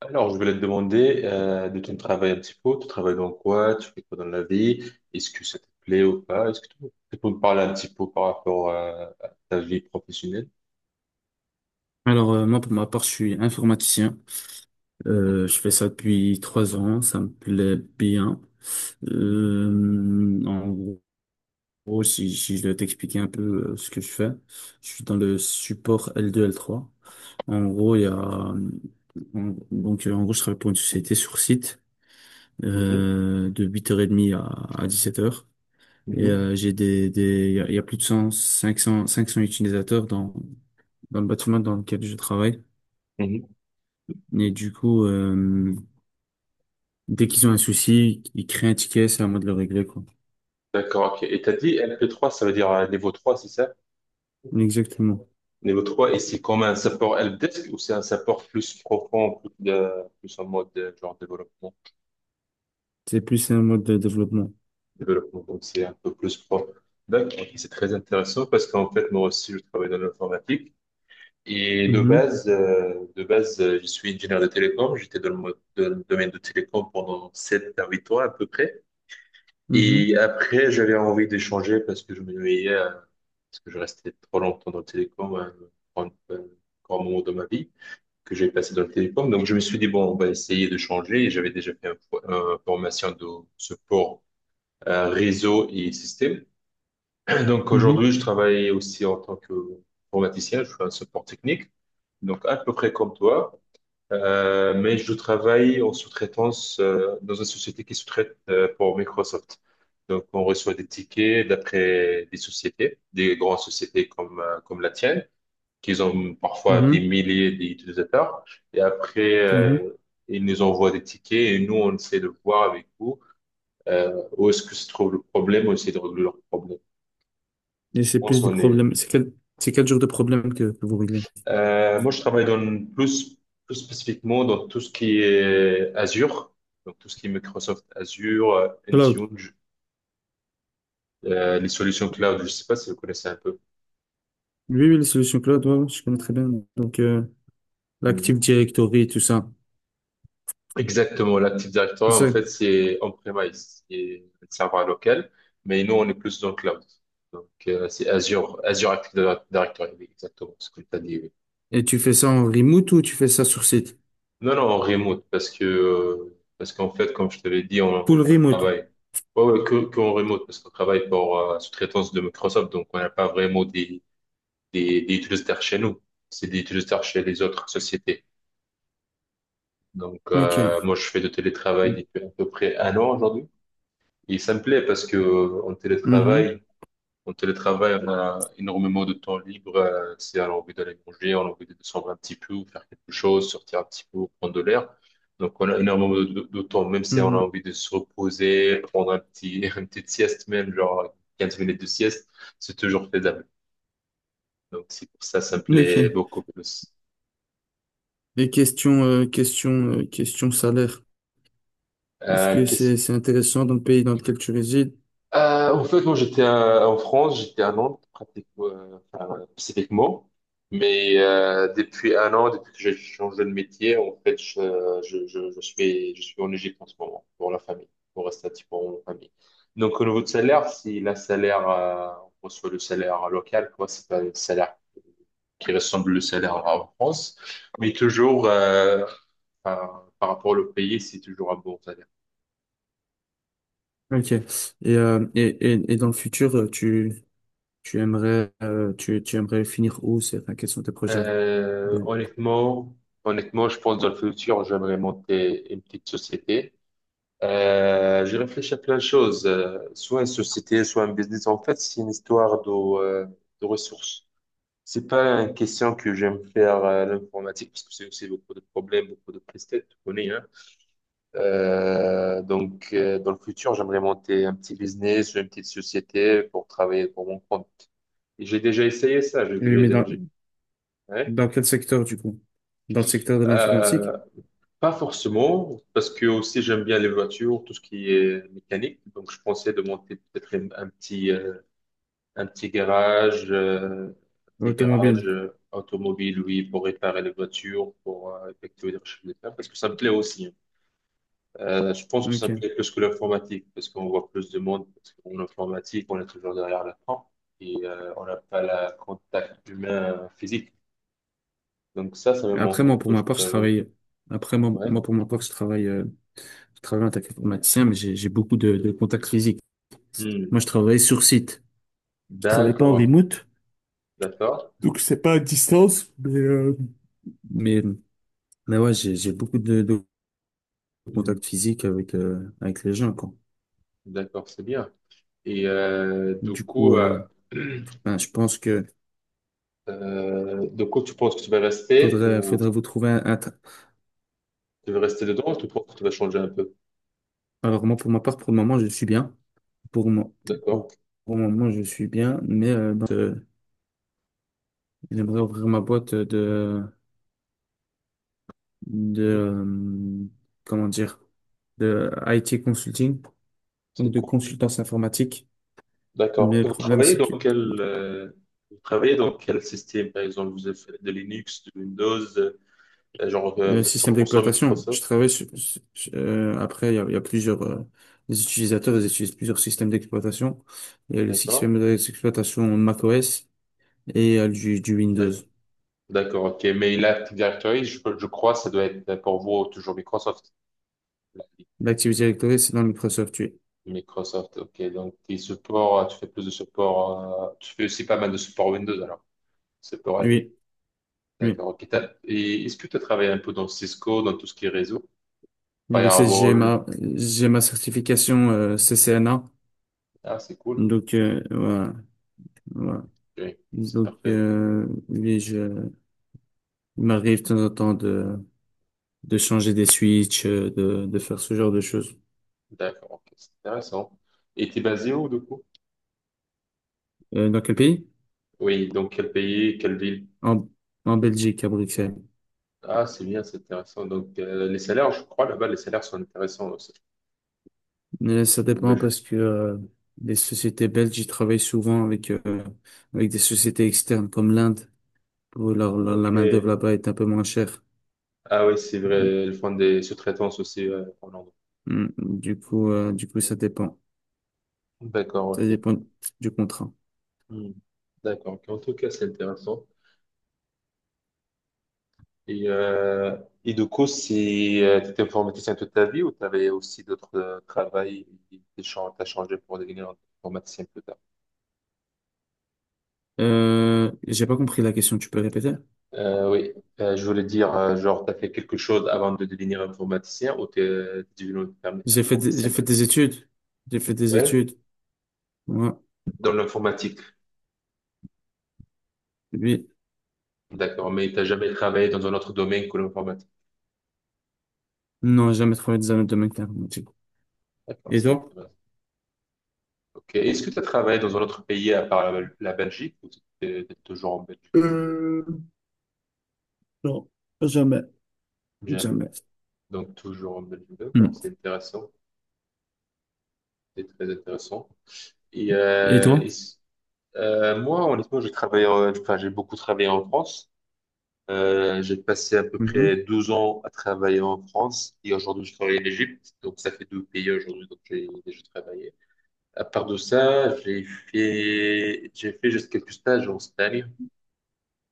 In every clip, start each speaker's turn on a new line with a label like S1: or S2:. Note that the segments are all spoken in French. S1: Alors, je voulais te demander de ton travail un petit peu. Tu travailles dans quoi? Tu fais quoi dans la vie? Est-ce que ça te plaît ou pas? Est-ce que tu peux me parler un petit peu par rapport à ta vie professionnelle?
S2: Alors, moi, pour ma part, je suis informaticien. Je fais ça depuis 3 ans. Ça me plaît bien.
S1: Mhm,
S2: En gros, si je dois t'expliquer un peu ce que je fais, je suis dans le support L2, L3. En gros, il y a, en- donc, En gros, je travaille pour une société sur site,
S1: mhm,
S2: de 8h30 à 7 heures. Et
S1: mhm,
S2: j'ai des, il y a, Il y a plus de 100, 500, utilisateurs dans le bâtiment dans lequel je travaille.
S1: mhm.
S2: Et du coup, euh, Dès qu'ils ont un souci, ils créent un ticket, c'est à moi de le régler, quoi.
S1: D'accord, ok. Et t'as dit lp trois, ça veut dire niveau 3, c'est ça?
S2: Exactement.
S1: Niveau 3 et c'est comme un support helpdesk ou c'est un support plus profond, plus en mode genre développement?
S2: C'est plus un mode de développement.
S1: Développement, donc c'est un peu plus profond. D'accord, ok, c'est très intéressant parce qu'en fait, moi aussi, je travaille dans l'informatique. Et
S2: Mhm,
S1: de base, je suis ingénieur de télécom. J'étais dans le domaine de télécom pendant 7 à 8 ans à peu près.
S2: mhm,
S1: Et après, j'avais envie de changer parce que je me voyais, parce que je restais trop longtemps dans le télécom, un grand moment de ma vie que j'ai passé dans le télécom. Donc, je me suis dit, bon, on va essayer de changer. Et j'avais déjà fait une formation de support réseau et système. Donc
S2: mhm,
S1: aujourd'hui, je travaille aussi en tant qu'informaticien, je suis un support technique, donc à peu près comme toi. Mais je travaille en sous-traitance dans une société qui sous-traite pour Microsoft. Donc on reçoit des tickets d'après des sociétés, des grandes sociétés comme la tienne, qui ont parfois des
S2: mhm,
S1: milliers d'utilisateurs, et après
S2: mhm.
S1: ils nous envoient des tickets et nous on essaie de voir avec vous, où est-ce que se trouve le problème, on essaie de régler leur problème.
S2: Et
S1: Je
S2: c'est
S1: pense
S2: plus des
S1: qu'on est.
S2: problèmes. C'est quel genre de problème que vous réglez?
S1: Moi, je travaille plus, plus spécifiquement dans tout ce qui est Azure, donc tout ce qui est Microsoft Azure,
S2: Cloud.
S1: Intune, les solutions cloud. Je ne sais pas si vous connaissez un peu.
S2: Oui, oui, les solutions cloud, ouais, ouais, je connais très bien. Donc, euh,
S1: Mhm.
S2: L'Active Directory, tout ça.
S1: Exactement, l'Active Directory,
S2: C'est
S1: en
S2: ça.
S1: fait, c'est on-premise, c'est un serveur local, mais nous, on est plus dans le cloud. Donc, c'est Azure, Azure Active Directory, oui, exactement ce que tu as dit. Oui.
S2: Et tu fais ça en remote ou tu fais ça sur site?
S1: Non, non, en remote, parce que, parce qu'en fait, comme je te l'ai dit, on,
S2: Full
S1: on
S2: remote.
S1: travaille. Ouais, ouais, que en remote, parce qu'on travaille pour sous-traitance de Microsoft, donc on n'a pas vraiment des utilisateurs chez nous. C'est des utilisateurs chez les autres sociétés. Donc,
S2: OK.
S1: moi, je fais de télétravail depuis à peu près un an aujourd'hui. Et ça me plaît parce que en
S2: Mhm,
S1: télétravail, on télétravaille, on a énormément de temps libre. Si on a envie d'aller manger, on a envie de descendre un petit peu, ou faire quelque chose, sortir un petit peu, prendre de l'air. Donc, on a énormément de temps, même si on a
S2: mhm.
S1: envie de se reposer, prendre une petite sieste, même genre 15 minutes de sieste, c'est toujours faisable. Donc, c'est pour ça, ça me plaît
S2: OK.
S1: beaucoup plus.
S2: Et question salaire. Est-ce que
S1: Qu'est-ce
S2: c'est intéressant dans le pays dans lequel tu résides?
S1: En fait, moi, j'étais en France, j'étais à Nantes, pratiquement, enfin, spécifiquement. Mais depuis un an, depuis que j'ai changé de métier, en fait, je suis en Égypte en ce moment, pour la famille, pour rester un petit peu en famille. Donc, au niveau de salaire, si la salaire, on reçoit le salaire local, quoi, c'est pas le salaire qui ressemble au salaire en France, mais toujours, par rapport au pays, c'est toujours un bon salaire.
S2: Ok. Euh, et, et dans le futur, tu aimerais, tu aimerais finir où? C'est, enfin, quels sont tes projets?
S1: Euh,
S2: de-
S1: honnêtement, Honnêtement, je pense dans le futur, j'aimerais monter une petite société. J'ai réfléchi à plein de choses, soit une société, soit un business. En fait, c'est une histoire de ressources. C'est pas une question que j'aime faire l'informatique parce que c'est aussi beaucoup de problèmes, beaucoup de presse-tête, tu connais, hein. Donc, dans le futur, j'aimerais monter un petit business ou une petite société pour travailler pour mon compte. Et j'ai déjà essayé ça.
S2: Oui, mais
S1: Ouais.
S2: dans quel secteur, du coup? Dans le secteur de l'informatique?
S1: Euh, Pas forcément, parce que aussi j'aime bien les voitures, tout ce qui est mécanique. Donc je pensais de monter peut-être un petit garage, euh, un petit garage
S2: Automobile.
S1: automobile, oui, pour réparer les voitures, pour effectuer des recherches de terrain, parce que ça me plaît aussi, hein. Je pense que ça me
S2: Ok.
S1: plaît plus que l'informatique, parce qu'on voit plus de monde. Parce qu'en informatique, on est toujours derrière l'écran et on n'a pas le contact humain physique. Donc ça me manque
S2: Après, moi,
S1: un
S2: pour
S1: peu,
S2: ma
S1: je
S2: part, je
S1: t'avoue.
S2: travaille, après, moi,
S1: Ouais.
S2: moi, pour ma part, je travaille en tant qu'informaticien, mais j'ai beaucoup de, contacts physiques.
S1: Hmm.
S2: Moi, je travaille sur site. Je travaille pas en
S1: D'accord,
S2: remote.
S1: d'accord.
S2: Donc, c'est pas à distance, mais Mais ouais, j'ai beaucoup de,
S1: Hmm.
S2: contact physique avec avec les gens quoi.
S1: D'accord, c'est bien. Et du
S2: Du coup,
S1: coup,
S2: euh, ben, je pense que
S1: tu penses que tu vas rester ou
S2: faudrait vous trouver un.
S1: tu veux rester dedans ou tu penses que tu vas changer un peu?
S2: Alors moi pour ma part pour le moment je suis bien. Pour moi pour,
S1: D'accord.
S2: pour le moment je suis bien, mais j'aimerais ouvrir ma boîte de de
S1: Mhm.
S2: euh, comment dire, de IT consulting,
S1: C'est
S2: donc de
S1: cool.
S2: consultance informatique.
S1: D'accord.
S2: Mais
S1: Et
S2: le problème c'est que.
S1: Vous travaillez dans quel système, par exemple? Vous avez fait de Linux, de Windows, vous êtes
S2: Système
S1: 100%
S2: d'exploitation. Je
S1: Microsoft?
S2: travaille après, il y a plusieurs les utilisateurs, ils utilisent plusieurs systèmes d'exploitation. Il y a le
S1: D'accord.
S2: système d'exploitation macOS et il y a du Windows.
S1: D'accord. D'accord, ok. Mais l'Active Directory, je crois, ça doit être pour vous toujours Microsoft.
S2: L'Active Directory, c'est dans Microsoft, oui.
S1: Microsoft, ok. Donc, tes supports, tu fais plus de support, tu fais aussi pas mal de support Windows, alors. Support à vie.
S2: Oui, oui.
S1: D'accord, ok. Et est-ce que tu as travaillé un peu dans Cisco, dans tout ce qui est réseau?
S2: Il est
S1: Firewall.
S2: j'ai ma certification CCNA.
S1: Ah, c'est cool.
S2: Voilà, voilà.
S1: Oui, c'est parfait.
S2: Oui, il m'arrive de temps en temps de changer des switches, de faire ce genre de choses.
S1: D'accord, ok. C'est intéressant. Et t'es basé où, du coup?
S2: Dans quel pays?
S1: Oui, donc quel pays, quelle ville?
S2: En, En Belgique, à Bruxelles.
S1: Ah, c'est bien, c'est intéressant. Donc, les salaires, je crois, là-bas, les salaires sont intéressants aussi,
S2: Mais ça
S1: en
S2: dépend
S1: Belgique.
S2: parce que les sociétés belges, ils travaillent souvent avec, avec des sociétés externes comme l'Inde, où la
S1: Ok.
S2: main-d'œuvre là-bas est un peu moins chère.
S1: Ah oui, c'est vrai, ils font des sous-traitances aussi, en Hollande.
S2: Mm. Du coup, ça dépend.
S1: D'accord,
S2: Ça
S1: ok.
S2: dépend du contrat.
S1: Hmm. D'accord. En tout cas, c'est intéressant. Et, euh, et du coup, si tu étais informaticien toute ta vie ou tu avais aussi d'autres travails et t'as changé pour devenir informaticien plus tard?
S2: J'ai pas compris la question, tu peux répéter?
S1: Oui, je voulais dire, genre, tu as fait quelque chose avant de devenir informaticien ou tu es devenu informaticien
S2: J'ai fait des études. J'ai fait des
S1: ouais,
S2: études. Ouais.
S1: dans l'informatique.
S2: Oui.
S1: D'accord, mais tu n'as jamais travaillé dans un autre domaine que l'informatique.
S2: Non, j'ai jamais travaillé dans un autre domaine qu'informatique.
S1: D'accord,
S2: Et
S1: c'est
S2: toi?
S1: intéressant. Ok. Est-ce que tu as travaillé dans un autre pays à part la Belgique ou tu es toujours en Belgique?
S2: Euh, non, jamais,
S1: Jamais.
S2: jamais.
S1: Donc, toujours en Belgique, d'accord,
S2: Mm.
S1: c'est intéressant, c'est très intéressant. Et,
S2: Et
S1: euh, et
S2: toi?
S1: s- Moi, honnêtement, j'ai travaillé, enfin, j'ai beaucoup travaillé en France. J'ai passé à peu près
S2: Mhm.
S1: 12 ans à travailler en France et aujourd'hui, je travaille en Égypte. Donc, ça fait deux pays aujourd'hui, donc j'ai déjà travaillé. À part de ça, j'ai fait juste quelques stages en Espagne.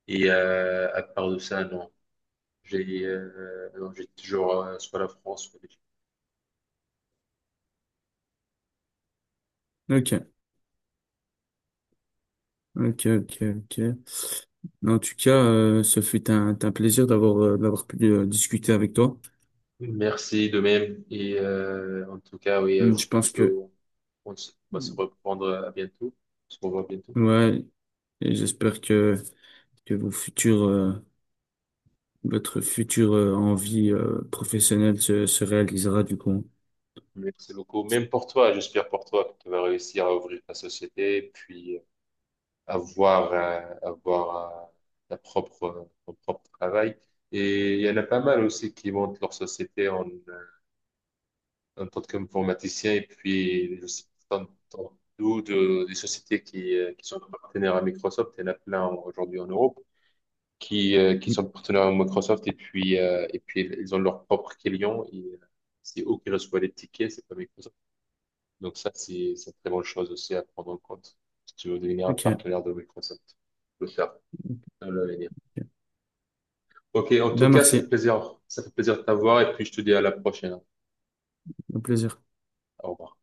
S1: Et à part de ça, non, j'ai non, j'ai toujours soit la France, soit l'Égypte.
S2: Ok, ok, ok, ok. En tout cas, ce fut un plaisir d'avoir d'avoir pu discuter avec toi.
S1: Merci de même. Et en tout cas, oui,
S2: Je
S1: j'espère
S2: pense que
S1: qu'on on se- on va se reprendre à bientôt. On se revoit bientôt.
S2: ouais, et j'espère que vos futurs votre future envie professionnelle se réalisera du coup.
S1: Merci beaucoup. Même pour toi, j'espère pour toi que tu vas réussir à ouvrir ta société, puis avoir ton propre travail. Et il y en a pas mal aussi qui montent leur société en tant qu'informaticien. Et puis, je sais pas, t'entends d'où des sociétés qui sont partenaires à Microsoft. Il y en a plein aujourd'hui en Europe, qui
S2: Hum,
S1: sont partenaires à Microsoft et puis, ils ont leur propre client et c'est eux qui reçoivent les tickets, c'est pas Microsoft. Donc ça, c'est une très bonne chose aussi à prendre en compte. Si tu veux devenir un
S2: Ok. Ok.
S1: partenaire de Microsoft, tu peux le faire dans l'avenir. Ok, en tout
S2: Ben
S1: cas, ça fait
S2: merci,
S1: plaisir. Ça fait plaisir de t'avoir et puis je te dis à la prochaine.
S2: au plaisir.
S1: Au revoir.